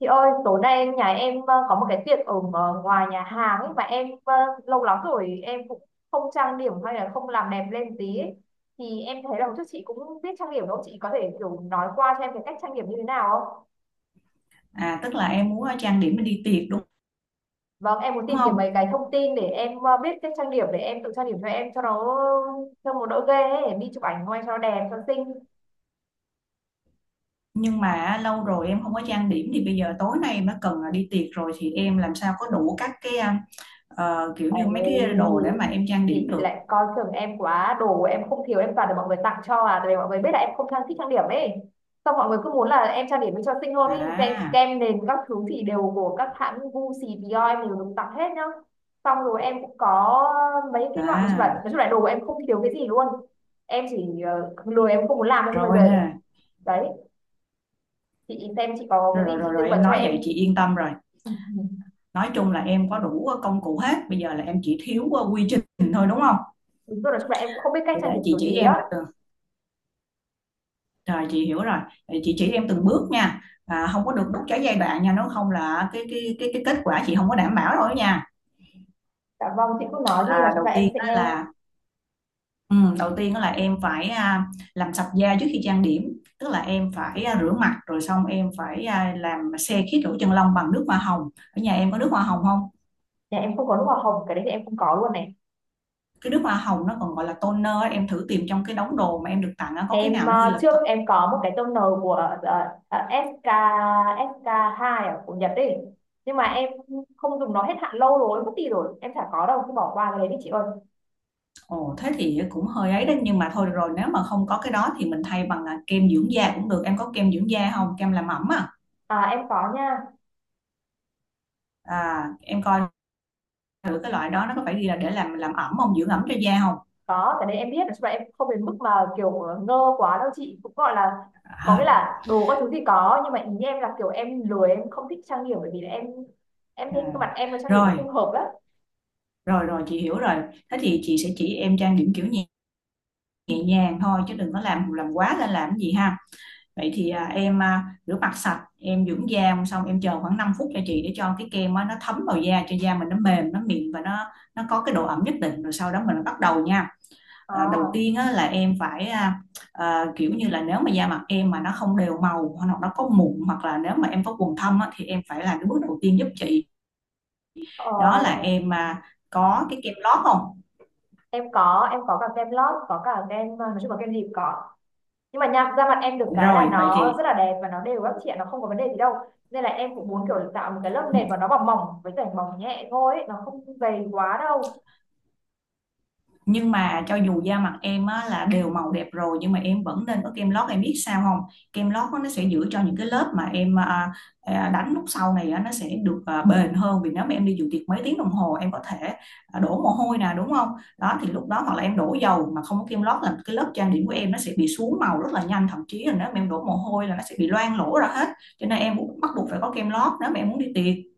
Chị ơi, tối nay nhà em có một cái tiệc ở ngoài nhà hàng ấy mà em lâu lắm rồi em cũng không trang điểm hay là không làm đẹp lên tí ấy. Thì em thấy là một chút chị cũng biết trang điểm đâu, chị có thể kiểu nói qua cho em cái cách trang điểm như thế nào không? À tức là em muốn trang điểm để đi tiệc đúng Vâng, em muốn tìm kiếm mấy không? cái thông tin để em biết cách trang điểm để em tự trang điểm cho em cho nó đỡ ghê ấy, đi chụp ảnh ngoài cho nó đẹp cho nó xinh. Nhưng mà lâu rồi em không có trang điểm thì bây giờ tối nay em đã cần là đi tiệc rồi thì em làm sao có đủ các cái kiểu như mấy cái Ấy đồ để mà em trang điểm thì được. lại coi thường em quá, đồ của em không thiếu, em toàn được mọi người tặng cho. À, tại vì mọi người biết là em không thích trang điểm ấy, xong mọi người cứ muốn là em trang điểm cho xinh hơn ấy. kem, À kem nền các thứ thì đều của các hãng Gucci, Dior, em đều được tặng hết nhá. Xong rồi em cũng có mấy cái loại, nói chung là nói à chung là đồ của em không thiếu cái gì luôn. Em chỉ lười, em không muốn làm thôi nhưng bây Rồi giờ nè. đấy, chị xem chị có Rồi, cái rồi gì rồi chị tư rồi, vấn em cho nói em. vậy chị yên tâm rồi. Nói chung là em có đủ công cụ hết, bây giờ là em chỉ thiếu quy trình thôi đúng không? Đúng rồi, nói chung là em cũng không biết cách Thì để trang điểm chị kiểu chỉ gì em á. mà. Rồi chị hiểu rồi. Vậy chị chỉ em từng bước nha. À, không có được đứt trái giai đoạn nha, nếu không là cái kết quả chị không có đảm bảo rồi nha. Dạ vâng, chị cứ nói À, đi, nói chung là đầu em tiên sẽ đó nghe. là, em phải làm sạch da trước khi trang điểm, tức là em phải rửa mặt rồi xong em phải làm se khít lỗ chân lông bằng nước hoa hồng. Ở nhà em có nước hoa hồng không? Dạ em không có nước hoa hồng, cái đấy thì em không có luôn này. Cái nước hoa hồng nó còn gọi là toner á, em thử tìm trong cái đống đồ mà em được tặng á, có cái Em nào nó ghi là... trước em có một cái toner của SK sk hai ở của Nhật ấy. Nhưng mà em không dùng, nó hết hạn lâu rồi, mất đi rồi. Em chả có đâu, cứ bỏ qua cái đấy đi chị ơi. Ồ, thế thì cũng hơi ấy đấy, nhưng mà thôi được rồi, nếu mà không có cái đó thì mình thay bằng kem dưỡng da cũng được. Em có kem dưỡng da không, kem làm ẩm À em có nha. Em coi thử cái loại đó nó có phải đi là để làm ẩm không, dưỡng ẩm cho da không. Có, cái đấy em biết, nói chung là em không đến mức mà kiểu ngơ quá đâu chị, cũng gọi là có nghĩa à, là đồ các thứ thì có, nhưng mà ý em là kiểu em lười, em không thích trang điểm bởi vì là em à. thấy cái mặt em với trang điểm nó không Rồi hợp lắm. rồi rồi, chị hiểu rồi. Thế thì chị sẽ chỉ em trang điểm kiểu nhẹ, nhẹ nhàng thôi, chứ đừng có làm quá lên làm cái gì ha. Vậy thì em rửa mặt sạch, em dưỡng da xong em chờ khoảng 5 phút cho chị, để cho cái kem á, nó thấm vào da cho da mình nó mềm, nó mịn và nó có cái độ ẩm nhất định rồi sau đó mình bắt đầu nha. À, đầu À, tiên á, là em phải kiểu như là nếu mà da mặt em mà nó không đều màu hoặc là nó có mụn hoặc là nếu mà em có quầng thâm á, thì em phải làm cái bước đầu tiên giúp chị. ờ, Đó là em, có cái kem lót không? em có cả kem lót, có cả kem, nói chung là kem gì cũng có. Nhưng mà nha, da mặt em được cái là Rồi vậy nó rất thì, là đẹp và nó đều các chị ạ, nó không có vấn đề gì đâu, nên là em cũng muốn kiểu tạo một cái lớp nền mà nó bằng mỏng với cả mỏng nhẹ thôi ấy, nó không dày quá đâu. nhưng mà cho dù da mặt em á, là đều màu đẹp rồi, nhưng mà em vẫn nên có kem lót, em biết sao không. Kem lót á, nó sẽ giữ cho những cái lớp mà em đánh lúc sau này á, nó sẽ được bền hơn, vì nếu mà em đi dự tiệc mấy tiếng đồng hồ em có thể đổ mồ hôi nè đúng không, đó thì lúc đó hoặc là em đổ dầu mà không có kem lót là cái lớp trang điểm của em nó sẽ bị xuống màu rất là nhanh, thậm chí là nếu mà em đổ mồ hôi là nó sẽ bị loang lỗ ra hết, cho nên em cũng bắt buộc phải có kem lót nếu mà em muốn đi tiệc.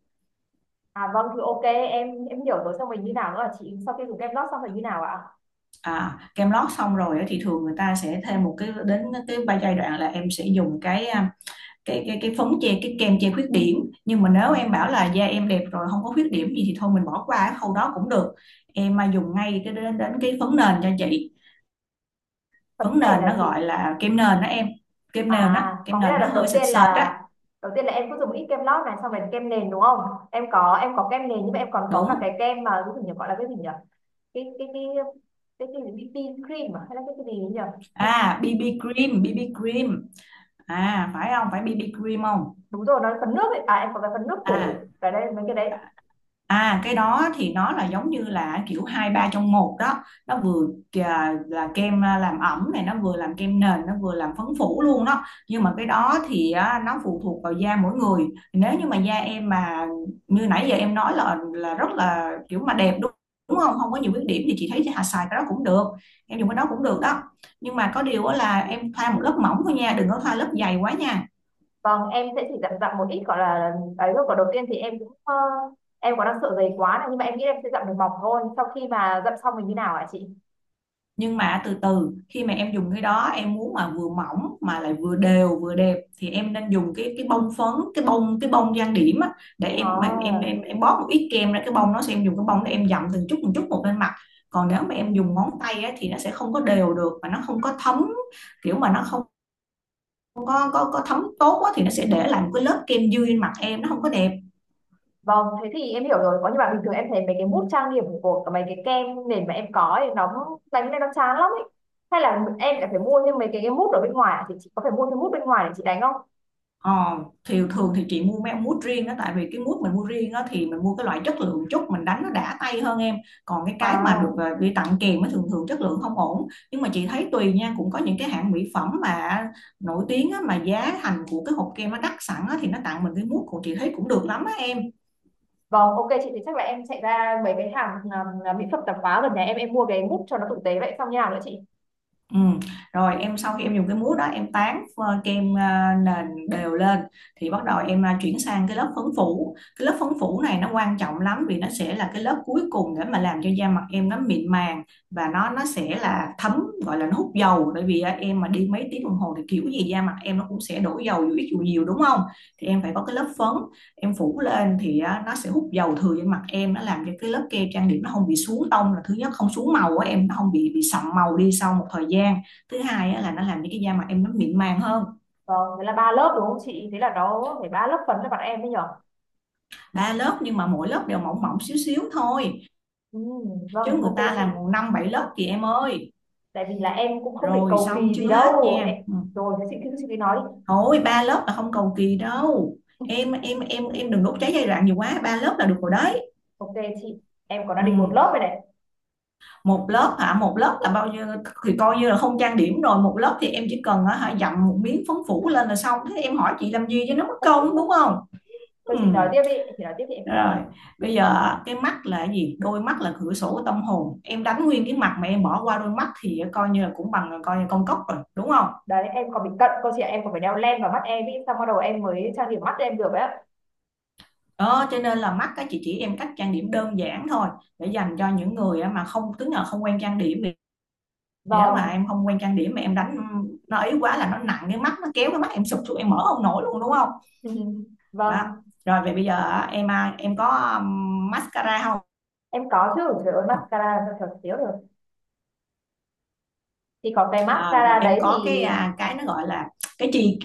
À vâng thì ok, em hiểu rồi, xong mình như nào nữa hả chị? Sau khi dùng kem lót xong rồi như nào ạ? À, kem lót xong rồi á, thì thường người ta sẽ thêm một cái đến cái ba giai đoạn là em sẽ dùng cái phấn che, cái kem che khuyết điểm, nhưng mà nếu em bảo là da em đẹp rồi không có khuyết điểm gì thì thôi mình bỏ qua cái khâu đó cũng được, em mà dùng ngay cái đến đến cái phấn nền cho chị. Phấn Phấn nền nền là nó chị? gọi là kem nền đó em, kem nền á, À, có kem nghĩa nền là nó đợt hơi sệt sệt á. đầu tiên là em cứ dùng ít kem lót này xong rồi kem nền, đúng không? Em có kem nền nhưng mà em còn có cả Đúng, cái kem mà cái gì nhỉ, gọi là cái gì nhỉ, cái cái cái cái gì BB cream à? Hay là cái gì nhỉ em? à BB cream, BB cream à, phải không, phải BB cream không Đúng rồi, nó là phấn nước ấy à, em có cái phần nước à. phủ ở đây mấy cái đấy. À cái đó thì nó là giống như là kiểu hai ba trong một đó, nó vừa là kem làm ẩm này, nó vừa làm kem nền, nó vừa làm phấn phủ luôn đó, nhưng mà cái đó thì á, nó phụ thuộc vào da mỗi người. Nếu như mà da em mà như nãy giờ em nói là rất là kiểu mà đẹp, đúng đúng không, không có nhiều khuyết điểm thì chị thấy chị hà xài cái đó cũng được, em dùng cái đó cũng được đó, nhưng mà có điều á là em thoa một lớp mỏng thôi nha, đừng có thoa lớp dày quá nha. Vâng, em sẽ chỉ dặm dặm một ít gọi là ấy thôi, còn đầu tiên thì em cũng em có đang sợ dày quá này nhưng mà em nghĩ em sẽ dặm được mỏng thôi. Sau khi mà dặm xong mình như nào ạ chị? Nhưng mà từ từ khi mà em dùng cái đó, em muốn mà vừa mỏng mà lại vừa đều vừa đẹp thì em nên dùng cái bông phấn, cái bông, cái bông trang điểm á, để em em em À, em, em bóp một ít kem ra cái bông, nó sẽ em dùng cái bông để em dặm từng chút một lên mặt. Còn nếu mà ừ. em dùng ngón tay á, thì nó sẽ không có đều được và nó không có thấm, kiểu mà nó không có thấm tốt á, thì nó sẽ để lại một cái lớp kem dư trên mặt em, nó không có đẹp. Vâng thế thì em hiểu rồi có, nhưng mà bình thường em thấy mấy cái mousse trang điểm của cả mấy cái kem nền mà em có ấy nó đánh lên nó chán lắm ấy. Hay là em lại phải mua thêm mấy cái mousse ở bên ngoài hả Chị có phải mua thêm mousse bên ngoài để chị đánh không? Ờ, thì thường thì chị mua mấy ông mút riêng đó, tại vì cái mút mình mua riêng đó thì mình mua cái loại chất lượng chút, mình đánh nó đã tay hơn em. Còn cái mà được À đi tặng kèm mới thường thường chất lượng không ổn, nhưng mà chị thấy tùy nha, cũng có những cái hãng mỹ phẩm mà nổi tiếng á, mà giá thành của cái hộp kem nó đắt sẵn á, thì nó tặng mình cái mút của chị thấy cũng được lắm á em. vâng, ok chị, thì chắc là em chạy ra mấy cái hàng mỹ phẩm tạp hóa gần nhà, em mua cái mút cho nó tử tế. Vậy xong như nào nữa chị? Ừ. Rồi em sau khi em dùng cái mousse đó em tán kem nền đều lên, thì bắt đầu em chuyển sang cái lớp phấn phủ. Cái lớp phấn phủ này nó quan trọng lắm, vì nó sẽ là cái lớp cuối cùng để mà làm cho da mặt em nó mịn màng, và nó sẽ là thấm, gọi là nó hút dầu, bởi vì em mà đi mấy tiếng đồng hồ thì kiểu gì da mặt em nó cũng sẽ đổ dầu dù ít dù nhiều đúng không, thì em phải có cái lớp phấn em phủ lên thì á, nó sẽ hút dầu thừa trên mặt em, nó làm cho cái lớp kem trang điểm nó không bị xuống tông là thứ nhất, không xuống màu á em, nó không bị sậm màu đi sau một thời gian, thứ hai á, là nó làm cho cái da mặt em nó mịn màng hơn. Vâng, thế là ba lớp đúng không chị? Thế là nó phải ba lớp phấn cho bọn em đấy nhở? Ba lớp nhưng mà mỗi lớp đều mỏng mỏng xíu xíu thôi, Ừ, vâng, chứ người ok ta chị. làm năm bảy lớp chị em ơi. Tại vì là em cũng không định Rồi cầu xong kỳ gì chưa hết đâu. nha. Em. Ừ. Rồi, thế chị cứ nói đi. Thôi ba lớp là không cầu kỳ đâu em đừng đốt cháy giai đoạn nhiều quá, ba lớp là được rồi đấy. Ok chị, em còn đang định một Ừ. lớp rồi này. Một lớp hả, một lớp là bao nhiêu, thì coi như là không trang điểm rồi, một lớp thì em chỉ cần á, hả, dặm một miếng phấn phủ lên là xong, thế em hỏi chị làm gì cho nó mất công đúng không. Thôi Ừ. chị nói tiếp đi, chị nói tiếp thì em nghe này. Rồi bây giờ cái mắt là cái gì, đôi mắt là cửa sổ của tâm hồn, em đánh nguyên cái mặt mà em bỏ qua đôi mắt thì coi như là cũng bằng coi như con cốc rồi đúng không. Đấy, em còn bị cận cô chị ạ, em còn phải đeo len vào mắt em ý, xong bắt đầu em mới trang điểm mắt em được ấy ạ. Đó cho nên là mắt các chị chỉ em cách trang điểm đơn giản thôi, để dành cho những người mà không, tức là không quen trang điểm. Nếu mà Vâng, em không quen trang điểm mà em đánh nó ấy quá là nó nặng cái mắt, nó kéo cái mắt em sụp xuống em mở không nổi luôn đúng không, đó. vâng, Rồi vậy bây giờ em, em có mascara không? em có chứ, trời ơi mascara sao thật thiếu được. Thì có cái Rồi mascara em đấy có cái, thì cái nó gọi là cái chì,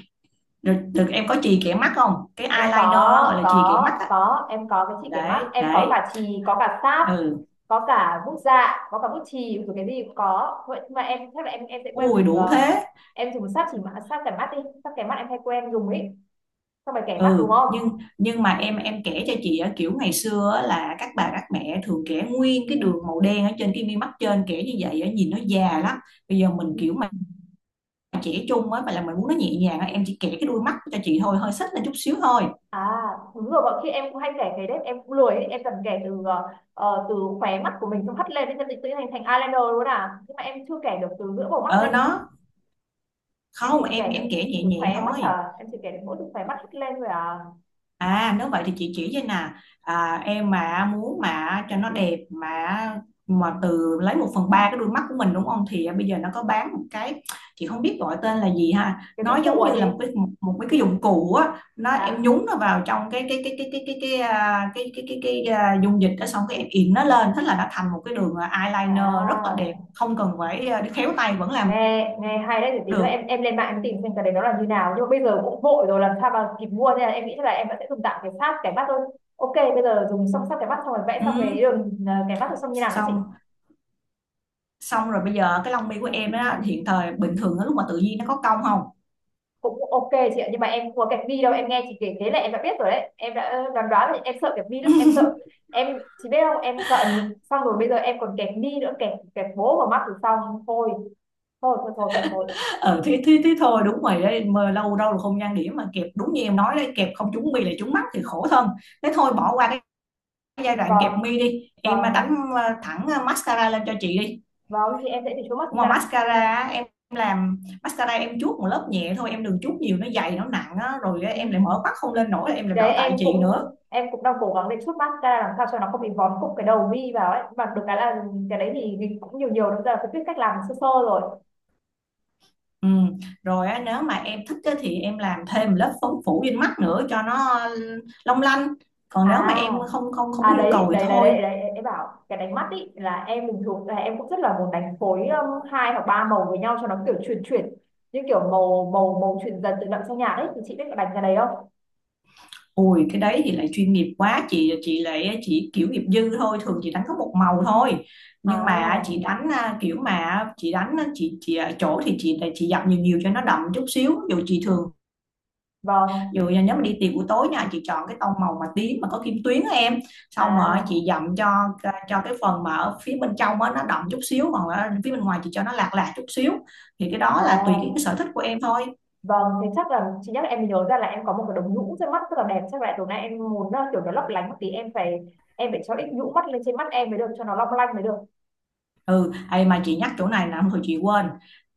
được, được, em có chì kẻ mắt không, cái em có eyeliner á, gọi là chì kẻ mắt có á. có em có cái chỉ cái mắt, để em có để cả chì, có cả sáp, ừ, có cả bút dạ, có cả bút chì rồi, cái gì cũng có. Vậy nhưng mà em chắc là em sẽ quen ui dùng, đủ thế. em dùng sáp kẻ mắt đi, sáp kẻ mắt em hay quen dùng ấy, xong rồi kẻ mắt đúng Ừ không? nhưng mà em kể cho chị á, kiểu ngày xưa á, là các bà các mẹ thường kẻ nguyên cái đường màu đen ở trên cái mi mắt trên, kẻ như vậy á nhìn nó già lắm. Bây giờ mình Ừ. kiểu chỉ chung á, mà là mình muốn nó nhẹ nhàng á, em chỉ kẻ cái đuôi mắt cho chị thôi, hơi xích lên chút xíu thôi. À đúng rồi, bọn khi em cũng hay kẻ cái đấy, em cũng lười ấy. Em cần kẻ từ từ khóe mắt của mình xong hắt lên đến chân tự nhiên thành thành eyeliner luôn à. Nhưng mà em chưa kẻ được từ giữa bầu mắt Ờ lên, nó em chỉ không, em kể em được kẻ nhẹ từ nhẹ khóe mắt, thôi. là em chỉ kể được mỗi từ khóe mắt hất lên thôi à. À nếu vậy thì chị chỉ cho nè, em mà muốn mà cho nó đẹp mà từ lấy một phần ba cái đuôi mắt của mình đúng không, thì bây giờ nó có bán một cái, chị không biết gọi tên là gì ha, Cái dụng nó cụ giống à như là chị? một cái, một cái dụng cụ á, nó em Dạ. nhúng nó vào trong cái dung dịch đó, xong cái em in nó lên thế là nó thành một cái đường, eyeliner rất là đẹp, À, không cần phải đi khéo tay vẫn làm nghe nghe hay đấy, thì tí nữa được. em lên mạng em tìm xem cái đấy nó là như nào. Nhưng mà bây giờ cũng vội rồi làm sao mà kịp mua nên là em nghĩ là em vẫn sẽ dùng tạm cái sát cái mắt thôi. Ok bây giờ dùng xong sát cái mắt xong rồi vẽ xong cái ừ, đường cái mắt rồi, xong như nào đấy chị nhỉ? Xong, xong rồi bây giờ cái lông mi của em á, hiện thời bình thường á, lúc mà tự nhiên nó có cong không. Cũng ok chị ạ, nhưng mà em không có kẹp bi đâu, em nghe chị kể thế là em đã biết rồi đấy, em đã đoán đoán rồi, em sợ kẹp bi lắm, em sợ em chị biết không, em cận xong rồi bây giờ em còn kẹp bi nữa, kẹp kẹp bố vào mắt rồi xong thôi, thôi, thôi, thôi, thôi, thôi, Ờ Thế thế thế thôi, đúng rồi đấy, mà lâu đâu là không gian điểm mà kẹp, đúng như em nói đấy, kẹp không trúng mi là trúng mắt thì khổ thân. Thế thôi bỏ qua cái giai đoạn kẹp Vâng, mi đi em, đánh vâng, thẳng, mascara lên cho chị đi. vâng, thì em sẽ chỉ xuống Mà mascara mascara thôi. á em, làm mascara em chuốt một lớp nhẹ thôi, em đừng chuốt nhiều nó dày nó nặng á, rồi á, Ừ. em lại mở mắt không lên nổi em lại Đấy bảo tại em chị cũng nữa. em cũng đang cố gắng để chút mascara làm sao cho nó không bị vón cục cái đầu mi vào ấy, mà được cái là cái đấy thì mình cũng nhiều nhiều nữa, giờ phải biết cách làm sơ sơ rồi. Ừm. Rồi á, nếu mà em thích á, thì em làm thêm lớp phấn phủ trên mắt nữa cho nó long lanh. Còn nếu mà à em không không không có à nhu đấy cầu thì đấy đấy thôi. đấy đấy em bảo cái đánh mắt ý là em bình thường là em cũng rất là muốn đánh phối hai hoặc ba màu với nhau cho nó kiểu chuyển chuyển, như kiểu màu màu màu chuyển dần từ đậm sang nhạt ấy, thì chị biết có đánh cái đấy không? Ui cái đấy thì lại chuyên nghiệp quá, chị lại chỉ kiểu nghiệp dư thôi, thường chị đánh có một màu thôi. Nhưng mà chị À đánh kiểu mà chị đánh á, chị ở chỗ thì chị dập nhiều nhiều cho nó đậm chút xíu. Dù chị thường, vâng. dù là nếu mà đi tiệc buổi tối nha, chị chọn cái tông màu mà tím mà có kim tuyến á em, xong rồi à chị dặm cho cái phần mà ở phía bên trong á nó đậm chút xíu, còn ở phía bên ngoài chị cho nó lạc lạc chút xíu, thì cái đó là tùy à cái sở thích của em thôi. vâng, thế chắc là chị nhắc em mới nhớ ra là em có một cái đống nhũ trên mắt rất là đẹp. Chắc là tối nay em muốn kiểu nó lấp lánh một tí, em phải cho ít nhũ mắt lên trên mắt em mới được cho nó long lanh mới được. Ừ, ai mà chị nhắc chỗ này là thôi chị quên,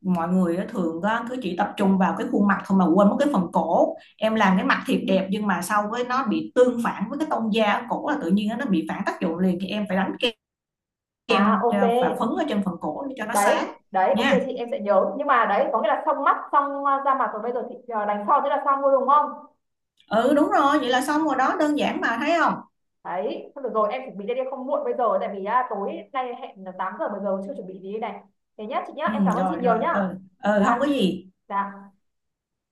mọi người á, thường á, cứ chỉ tập trung vào cái khuôn mặt thôi mà quên mất cái phần cổ, em làm cái mặt thiệt đẹp nhưng mà sau với nó bị tương phản với cái tông da ở cổ là tự nhiên á nó bị phản tác dụng liền, thì em phải đánh kem, À kem ok, và phấn ở trên phần cổ để cho nó đấy sáng đấy ok nha. chị, em sẽ nhớ. Nhưng mà đấy có nghĩa là xong mắt, xong da mặt rồi bây giờ chị đánh son thế là xong luôn, đúng không? Ừ đúng rồi, vậy là xong rồi đó, đơn giản mà thấy không. Đấy thôi được rồi, em chuẩn bị đây đi không muộn bây giờ, tại vì tối nay hẹn là 8 giờ, bây giờ chưa chuẩn bị gì đây này. Thế nhá chị nhá, Ừ em cảm ơn chị rồi nhiều rồi, nhá. ừ, ừ không có Dạ. gì. Dạ.